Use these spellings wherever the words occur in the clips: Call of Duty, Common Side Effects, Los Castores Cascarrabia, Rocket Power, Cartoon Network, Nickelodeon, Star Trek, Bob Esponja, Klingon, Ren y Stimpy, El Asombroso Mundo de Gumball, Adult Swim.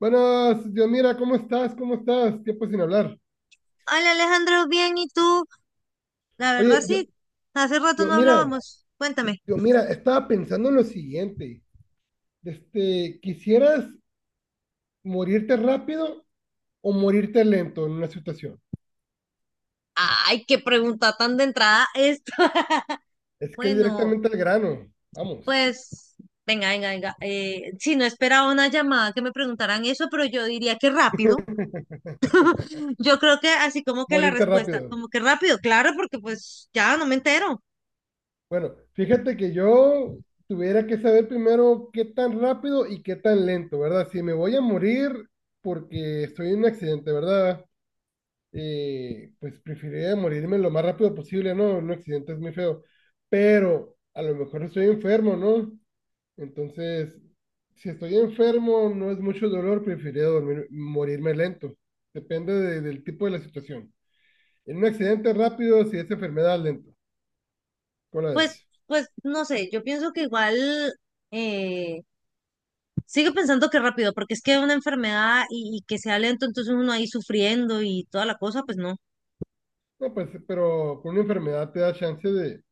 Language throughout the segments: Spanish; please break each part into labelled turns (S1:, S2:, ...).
S1: Buenas, Dios mira, ¿cómo estás? ¿Cómo estás? Tiempo sin hablar.
S2: Hola Alejandro, bien, ¿y tú? La verdad
S1: Oye,
S2: sí, hace rato
S1: Dios
S2: no
S1: mira,
S2: hablábamos. Cuéntame.
S1: Dios mira, estaba pensando en lo siguiente. Este, ¿quisieras morirte rápido o morirte lento en una situación?
S2: Ay, qué pregunta tan de entrada esta.
S1: Es que es
S2: Bueno,
S1: directamente al grano. Vamos,
S2: pues, venga, venga, venga. Sí, no esperaba una llamada que me preguntaran eso, pero yo diría que rápido. Yo creo que así como que la
S1: morirte
S2: respuesta,
S1: rápido.
S2: como que rápido, claro, porque pues ya no me entero.
S1: Bueno, fíjate que yo tuviera que saber primero qué tan rápido y qué tan lento, ¿verdad? Si me voy a morir porque estoy en un accidente, ¿verdad? Pues preferiría morirme lo más rápido posible, ¿no? Un accidente es muy feo, pero a lo mejor estoy enfermo, ¿no? Entonces, si estoy enfermo, no es mucho dolor, preferiría morirme lento. Depende del tipo de la situación. En un accidente rápido, si es enfermedad, lento. ¿Cuál
S2: Pues,
S1: es?
S2: pues, no sé, yo pienso que igual, eh, sigue pensando que rápido, porque es que una enfermedad y que sea lento, entonces uno ahí sufriendo y toda la cosa, pues no,
S1: No, pues, pero con una enfermedad te da chance de,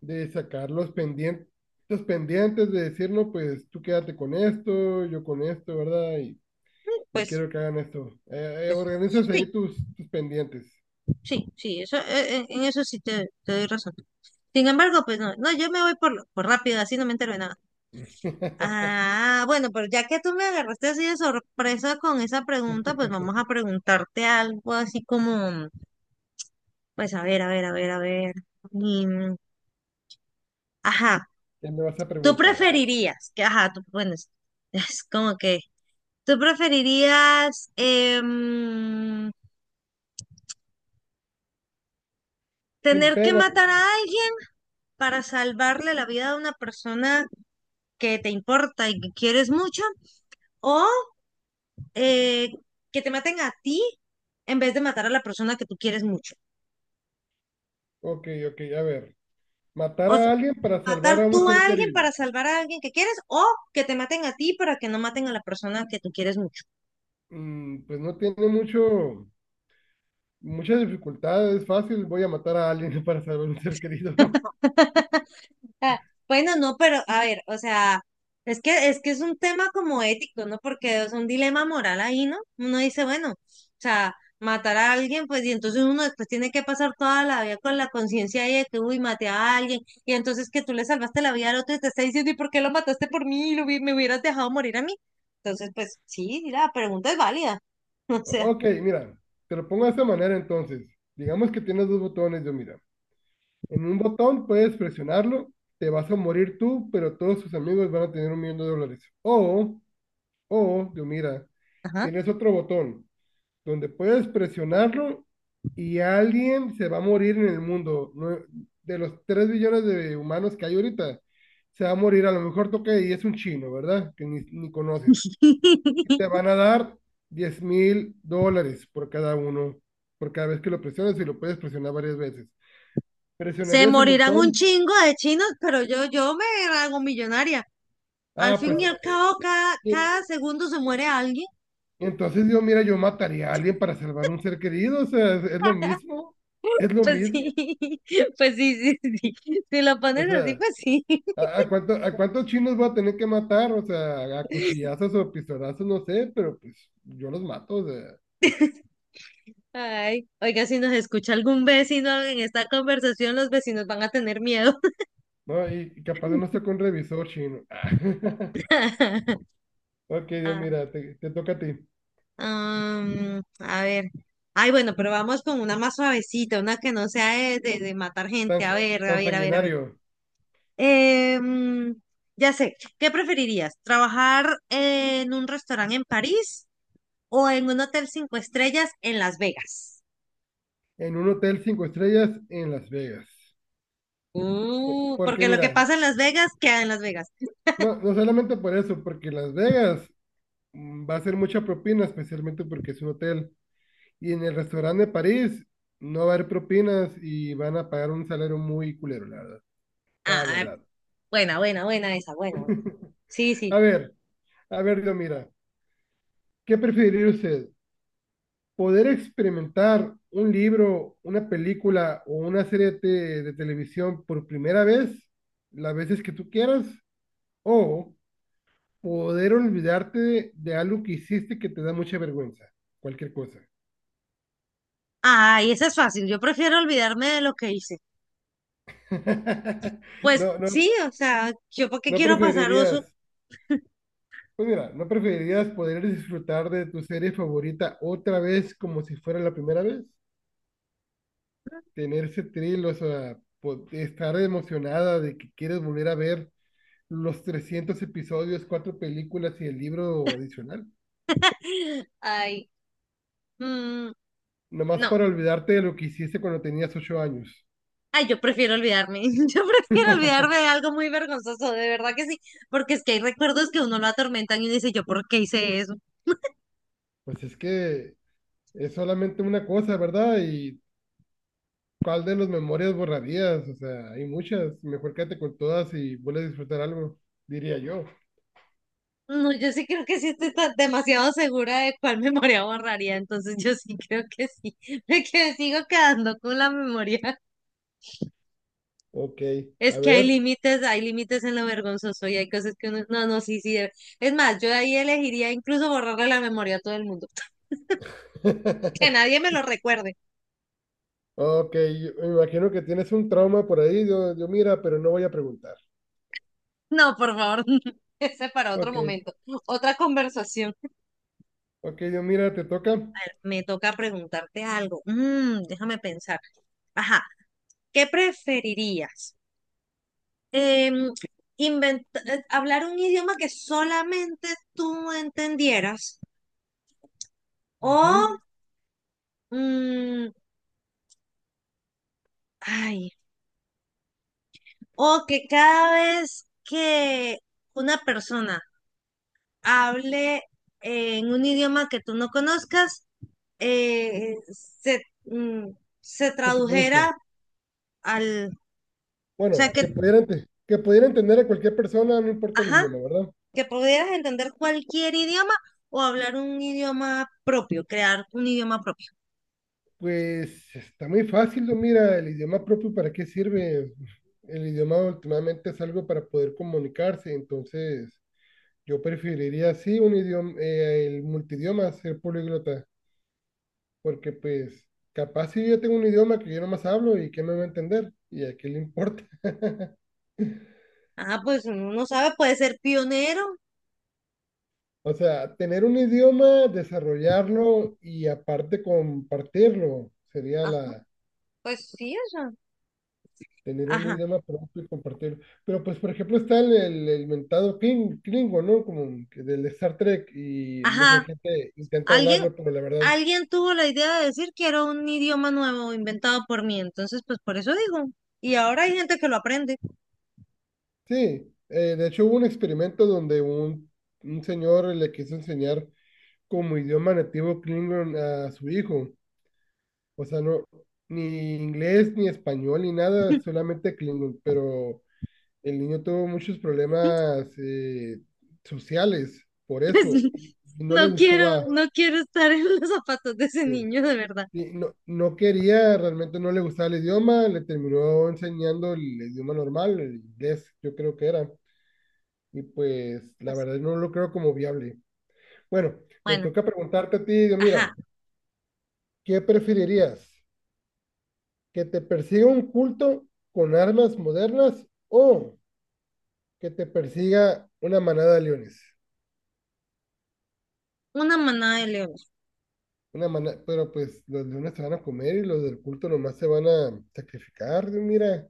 S1: de sacar los pendientes de decir, no, pues tú quédate con esto, yo con esto, ¿verdad? Y
S2: pues,
S1: quiero que hagan eso.
S2: pues
S1: Organizas
S2: sí,
S1: ahí tus pendientes.
S2: sí, sí, eso, en eso sí te doy razón. Sin embargo, pues no, no, yo me voy por rápido, así no me entero de nada.
S1: ¿Qué
S2: Ah, bueno, pero ya que tú me agarraste así de sorpresa con esa pregunta, pues vamos a preguntarte algo así como, pues a ver, a ver, a ver, a ver. Y, mm, ajá,
S1: me vas a
S2: ¿tú
S1: preguntar? A ver.
S2: preferirías que, ajá, tú, bueno, es es como que... ¿Tú preferirías
S1: Sin
S2: tener que
S1: pena.
S2: matar a alguien para salvarle la vida a una persona que te importa y que quieres mucho? ¿O eh, que te maten a ti en vez de matar a la persona que tú quieres mucho?
S1: Ok, ok, a ver. Matar
S2: O sea,
S1: a alguien para
S2: matar
S1: salvar a
S2: tú
S1: un
S2: a
S1: ser
S2: alguien
S1: querido.
S2: para salvar a alguien que quieres o que te maten a ti para que no maten a la persona que tú quieres mucho.
S1: Mm, pues no tiene muchas dificultades. Es fácil, voy a matar a alguien para salvar a un ser querido.
S2: Ah, bueno, no, pero a ver, o sea, es que es un tema como ético, ¿no? Porque es un dilema moral ahí, ¿no? Uno dice, bueno, o sea, matar a alguien, pues, y entonces uno después tiene que pasar toda la vida con la conciencia ahí de que, uy, maté a alguien, y entonces que tú le salvaste la vida al otro y te está diciendo, ¿y por qué lo mataste por mí? Me hubieras dejado morir a mí. Entonces, pues, sí, sí, la pregunta es válida. O sea,
S1: Ok, mira, te lo pongo de esta manera entonces. Digamos que tienes dos botones, yo mira. En un botón puedes presionarlo, te vas a morir tú, pero todos tus amigos van a tener 1 millón de dólares. O yo mira,
S2: ajá.
S1: tienes otro botón donde puedes presionarlo y alguien se va a morir en el mundo. De los 3 billones de humanos que hay ahorita, se va a morir. A lo mejor toca y es un chino, ¿verdad? Que ni conoces. Y te van a dar 10.000 dólares por cada uno, por cada vez que lo presiones y lo puedes presionar varias veces.
S2: Se
S1: ¿Presionarías el
S2: morirán un
S1: botón?
S2: chingo de chinos, pero yo me hago millonaria. Al
S1: Ah,
S2: fin
S1: pues
S2: y al cabo, cada,
S1: eh,
S2: cada segundo se muere alguien.
S1: Entonces yo, mira, yo mataría a alguien para salvar un ser querido, o sea, es lo
S2: Pues
S1: mismo,
S2: sí, pues sí, sí, sí. Si lo
S1: o
S2: pones así,
S1: sea,
S2: pues sí.
S1: a a cuántos chinos voy a tener que matar? O sea, a cuchillazos o pistolazos, no sé, pero pues yo los mato, o sea,
S2: Ay, oiga, si nos escucha algún vecino en esta conversación, los vecinos van a tener miedo.
S1: ¿no? Y capaz de no estoy con revisor chino. Ok, Dios,
S2: Ah,
S1: mira, te toca a ti.
S2: a ver. Ay, bueno, pero vamos con una más suavecita, una que no sea de matar
S1: Tan,
S2: gente. A ver, a
S1: tan
S2: ver, a ver, a ver.
S1: sanguinario,
S2: Em, ya sé, ¿qué preferirías? ¿Trabajar en un restaurante en París o en un hotel 5 estrellas en Las Vegas?
S1: en un hotel cinco estrellas en Las Vegas. Porque
S2: Porque lo
S1: mira,
S2: que pasa en Las Vegas queda en Las Vegas.
S1: no, no solamente por eso, porque Las Vegas va a ser mucha propina, especialmente porque es un hotel. Y en el restaurante de París no va a haber propinas y van a pagar un salario muy culero, la verdad. La
S2: Ah,
S1: verdad.
S2: buena, buena, buena esa, buena, buena. Sí, sí.
S1: A ver, a ver, yo mira, ¿qué preferiría usted? ¿Poder experimentar un libro, una película o una serie de, de televisión por primera vez, las veces que tú quieras? ¿O poder olvidarte de algo que hiciste que te da mucha vergüenza? Cualquier cosa.
S2: Ay, esa es fácil. Yo prefiero olvidarme de lo que hice. Pues
S1: No, no,
S2: sí, o sea, yo por qué
S1: ¿No
S2: quiero pasar oso.
S1: preferirías, ¿no preferirías poder disfrutar de tu serie favorita otra vez como si fuera la primera vez? Tener ese thrill, o sea, estar emocionada de que quieres volver a ver los 300 episodios, cuatro películas y el libro adicional.
S2: Ay, mm,
S1: Nomás
S2: no.
S1: para olvidarte de lo que hiciste cuando tenías 8 años.
S2: Ay, yo prefiero olvidarme. Yo prefiero olvidarme de algo muy vergonzoso, de verdad que sí. Porque es que hay recuerdos que a uno lo atormentan y uno dice, ¿yo por qué hice eso?
S1: Pues es que es solamente una cosa, ¿verdad? ¿Y cuál de las memorias borrarías? O sea, hay muchas. Mejor quédate con todas y vuelve a disfrutar algo, diría yo.
S2: No, yo sí creo que sí demasiado segura de cuál memoria borraría, entonces yo sí creo que sí, de que sigo quedando con la memoria.
S1: Ok,
S2: Es
S1: a
S2: que
S1: ver.
S2: hay límites en lo vergonzoso y hay cosas que uno, no, no, sí, sí, de- Es más, yo ahí elegiría incluso borrarle la memoria a todo el mundo, que nadie me lo recuerde.
S1: Ok, yo me imagino que tienes un trauma por ahí, yo mira, pero no voy a preguntar.
S2: No, por favor, ese para otro
S1: Ok,
S2: momento, otra conversación.
S1: ok, yo mira, te toca.
S2: A ver, me toca preguntarte algo. Mm, déjame pensar. Ajá, ¿qué preferirías? em, hablar un idioma que solamente tú entendieras o,
S1: Ujú,
S2: mm, ay, o que cada vez que una persona hable en un idioma que tú no conozcas, eh, se, mm, se
S1: ¿qué te traduzca?
S2: tradujera al, o sea,
S1: Bueno,
S2: que,
S1: que pudiera, que pudiera entender a cualquier persona, no importa el
S2: ajá,
S1: idioma, ¿verdad?
S2: que pudieras entender cualquier idioma o hablar un idioma propio, crear un idioma propio.
S1: Pues está muy fácil, yo mira, el idioma propio, ¿para qué sirve? El idioma últimamente es algo para poder comunicarse, entonces yo preferiría, sí, un idioma, el multidioma, ser políglota. Porque pues capaz si yo tengo un idioma que yo nomás hablo y que no me va a entender y a qué le importa.
S2: Ajá, pues uno no sabe, puede ser pionero.
S1: O sea, tener un idioma, desarrollarlo y aparte compartirlo sería
S2: Ajá,
S1: la
S2: pues sí, o
S1: tener un
S2: ajá,
S1: idioma propio y compartirlo. Pero pues por ejemplo está el mentado Klingon, ¿no? Como que del Star Trek y mucha
S2: ajá.
S1: gente intenta
S2: Alguien,
S1: hablarlo, pero la verdad,
S2: alguien tuvo la idea de decir que era un idioma nuevo inventado por mí, entonces pues por eso digo. Y ahora hay gente que lo aprende.
S1: sí. De hecho hubo un experimento donde un señor le quiso enseñar como idioma nativo Klingon a su hijo. O sea, no, ni inglés, ni español, ni nada, solamente Klingon. Pero el niño tuvo muchos problemas sociales por
S2: Pues
S1: eso y no le
S2: no quiero,
S1: gustaba.
S2: no quiero estar en los zapatos de ese
S1: eh,
S2: niño, de verdad.
S1: y no quería, realmente no le gustaba el idioma, le terminó enseñando el idioma normal, el inglés, yo creo que era. Y pues la
S2: Pues
S1: verdad no lo creo como viable. Bueno, me
S2: bueno,
S1: toca preguntarte a ti, Dios,
S2: ajá.
S1: mira, ¿qué preferirías? Que te persiga un culto con armas modernas o que te persiga una manada de leones.
S2: Una manada de leones.
S1: Una manada, pero pues los leones se van a comer y los del culto nomás se van a sacrificar. Digo,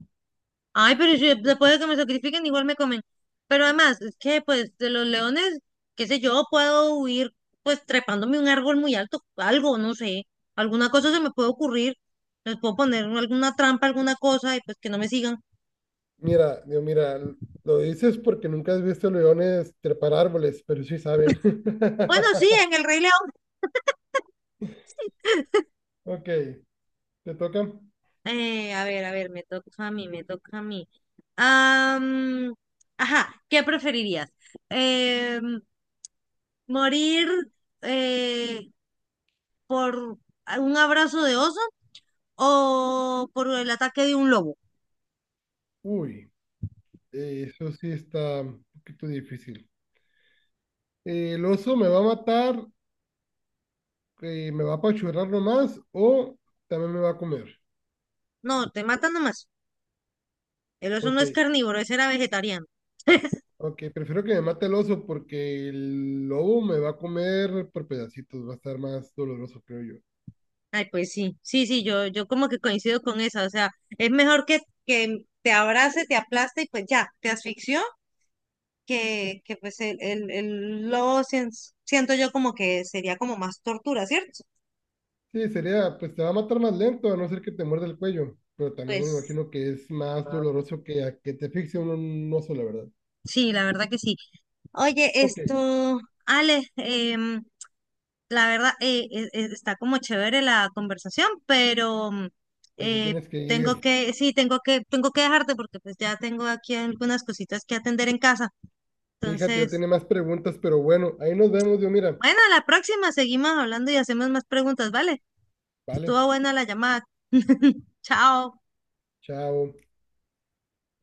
S2: Ay, pero si después de que me sacrifiquen, igual me comen. Pero además, es que pues de los leones, qué sé yo, puedo huir pues trepándome un árbol muy alto, algo, no sé, alguna cosa se me puede ocurrir. Les puedo poner alguna trampa, alguna cosa y pues que no me sigan.
S1: mira, lo dices porque nunca has visto leones trepar árboles, pero sí saben.
S2: Bueno, sí, en el Rey León.
S1: Ok, te toca.
S2: A ver, me toca a mí, me toca a mí. Am, ajá, ¿qué preferirías? Em, ¿Morir eh, por un abrazo de oso o por el ataque de un lobo?
S1: Uy, eso sí está un poquito difícil. ¿El oso me va a matar, me va a apachurrar nomás o también me va a comer?
S2: No, te matan nomás. El oso no
S1: Ok,
S2: es carnívoro, ese era vegetariano.
S1: ok, prefiero que me mate el oso porque el lobo me va a comer por pedacitos, va a estar más doloroso, creo yo.
S2: Ay, pues sí, sí, sí, yo como que coincido con esa. O sea, es mejor que te abrace, te aplaste y pues ya, te asfixió, que pues el lobo siento yo como que sería como más tortura, ¿cierto?
S1: Sí, sería, pues te va a matar más lento, a no ser que te muerda el cuello, pero también me
S2: Pues
S1: imagino que es más doloroso que a que te asfixie un oso, la verdad.
S2: sí, la verdad que sí. Oye,
S1: Ok,
S2: esto, Ale, la verdad, está como chévere la conversación, pero
S1: ya te
S2: eh,
S1: tienes que
S2: tengo
S1: ir.
S2: que, sí, tengo que dejarte porque pues ya tengo aquí algunas cositas que atender en casa.
S1: Fíjate, yo
S2: Entonces,
S1: tenía más preguntas, pero bueno, ahí nos vemos, yo mira.
S2: bueno, a la próxima seguimos hablando y hacemos más preguntas, ¿vale?
S1: Vale,
S2: Estuvo buena la llamada. Chao.
S1: chao.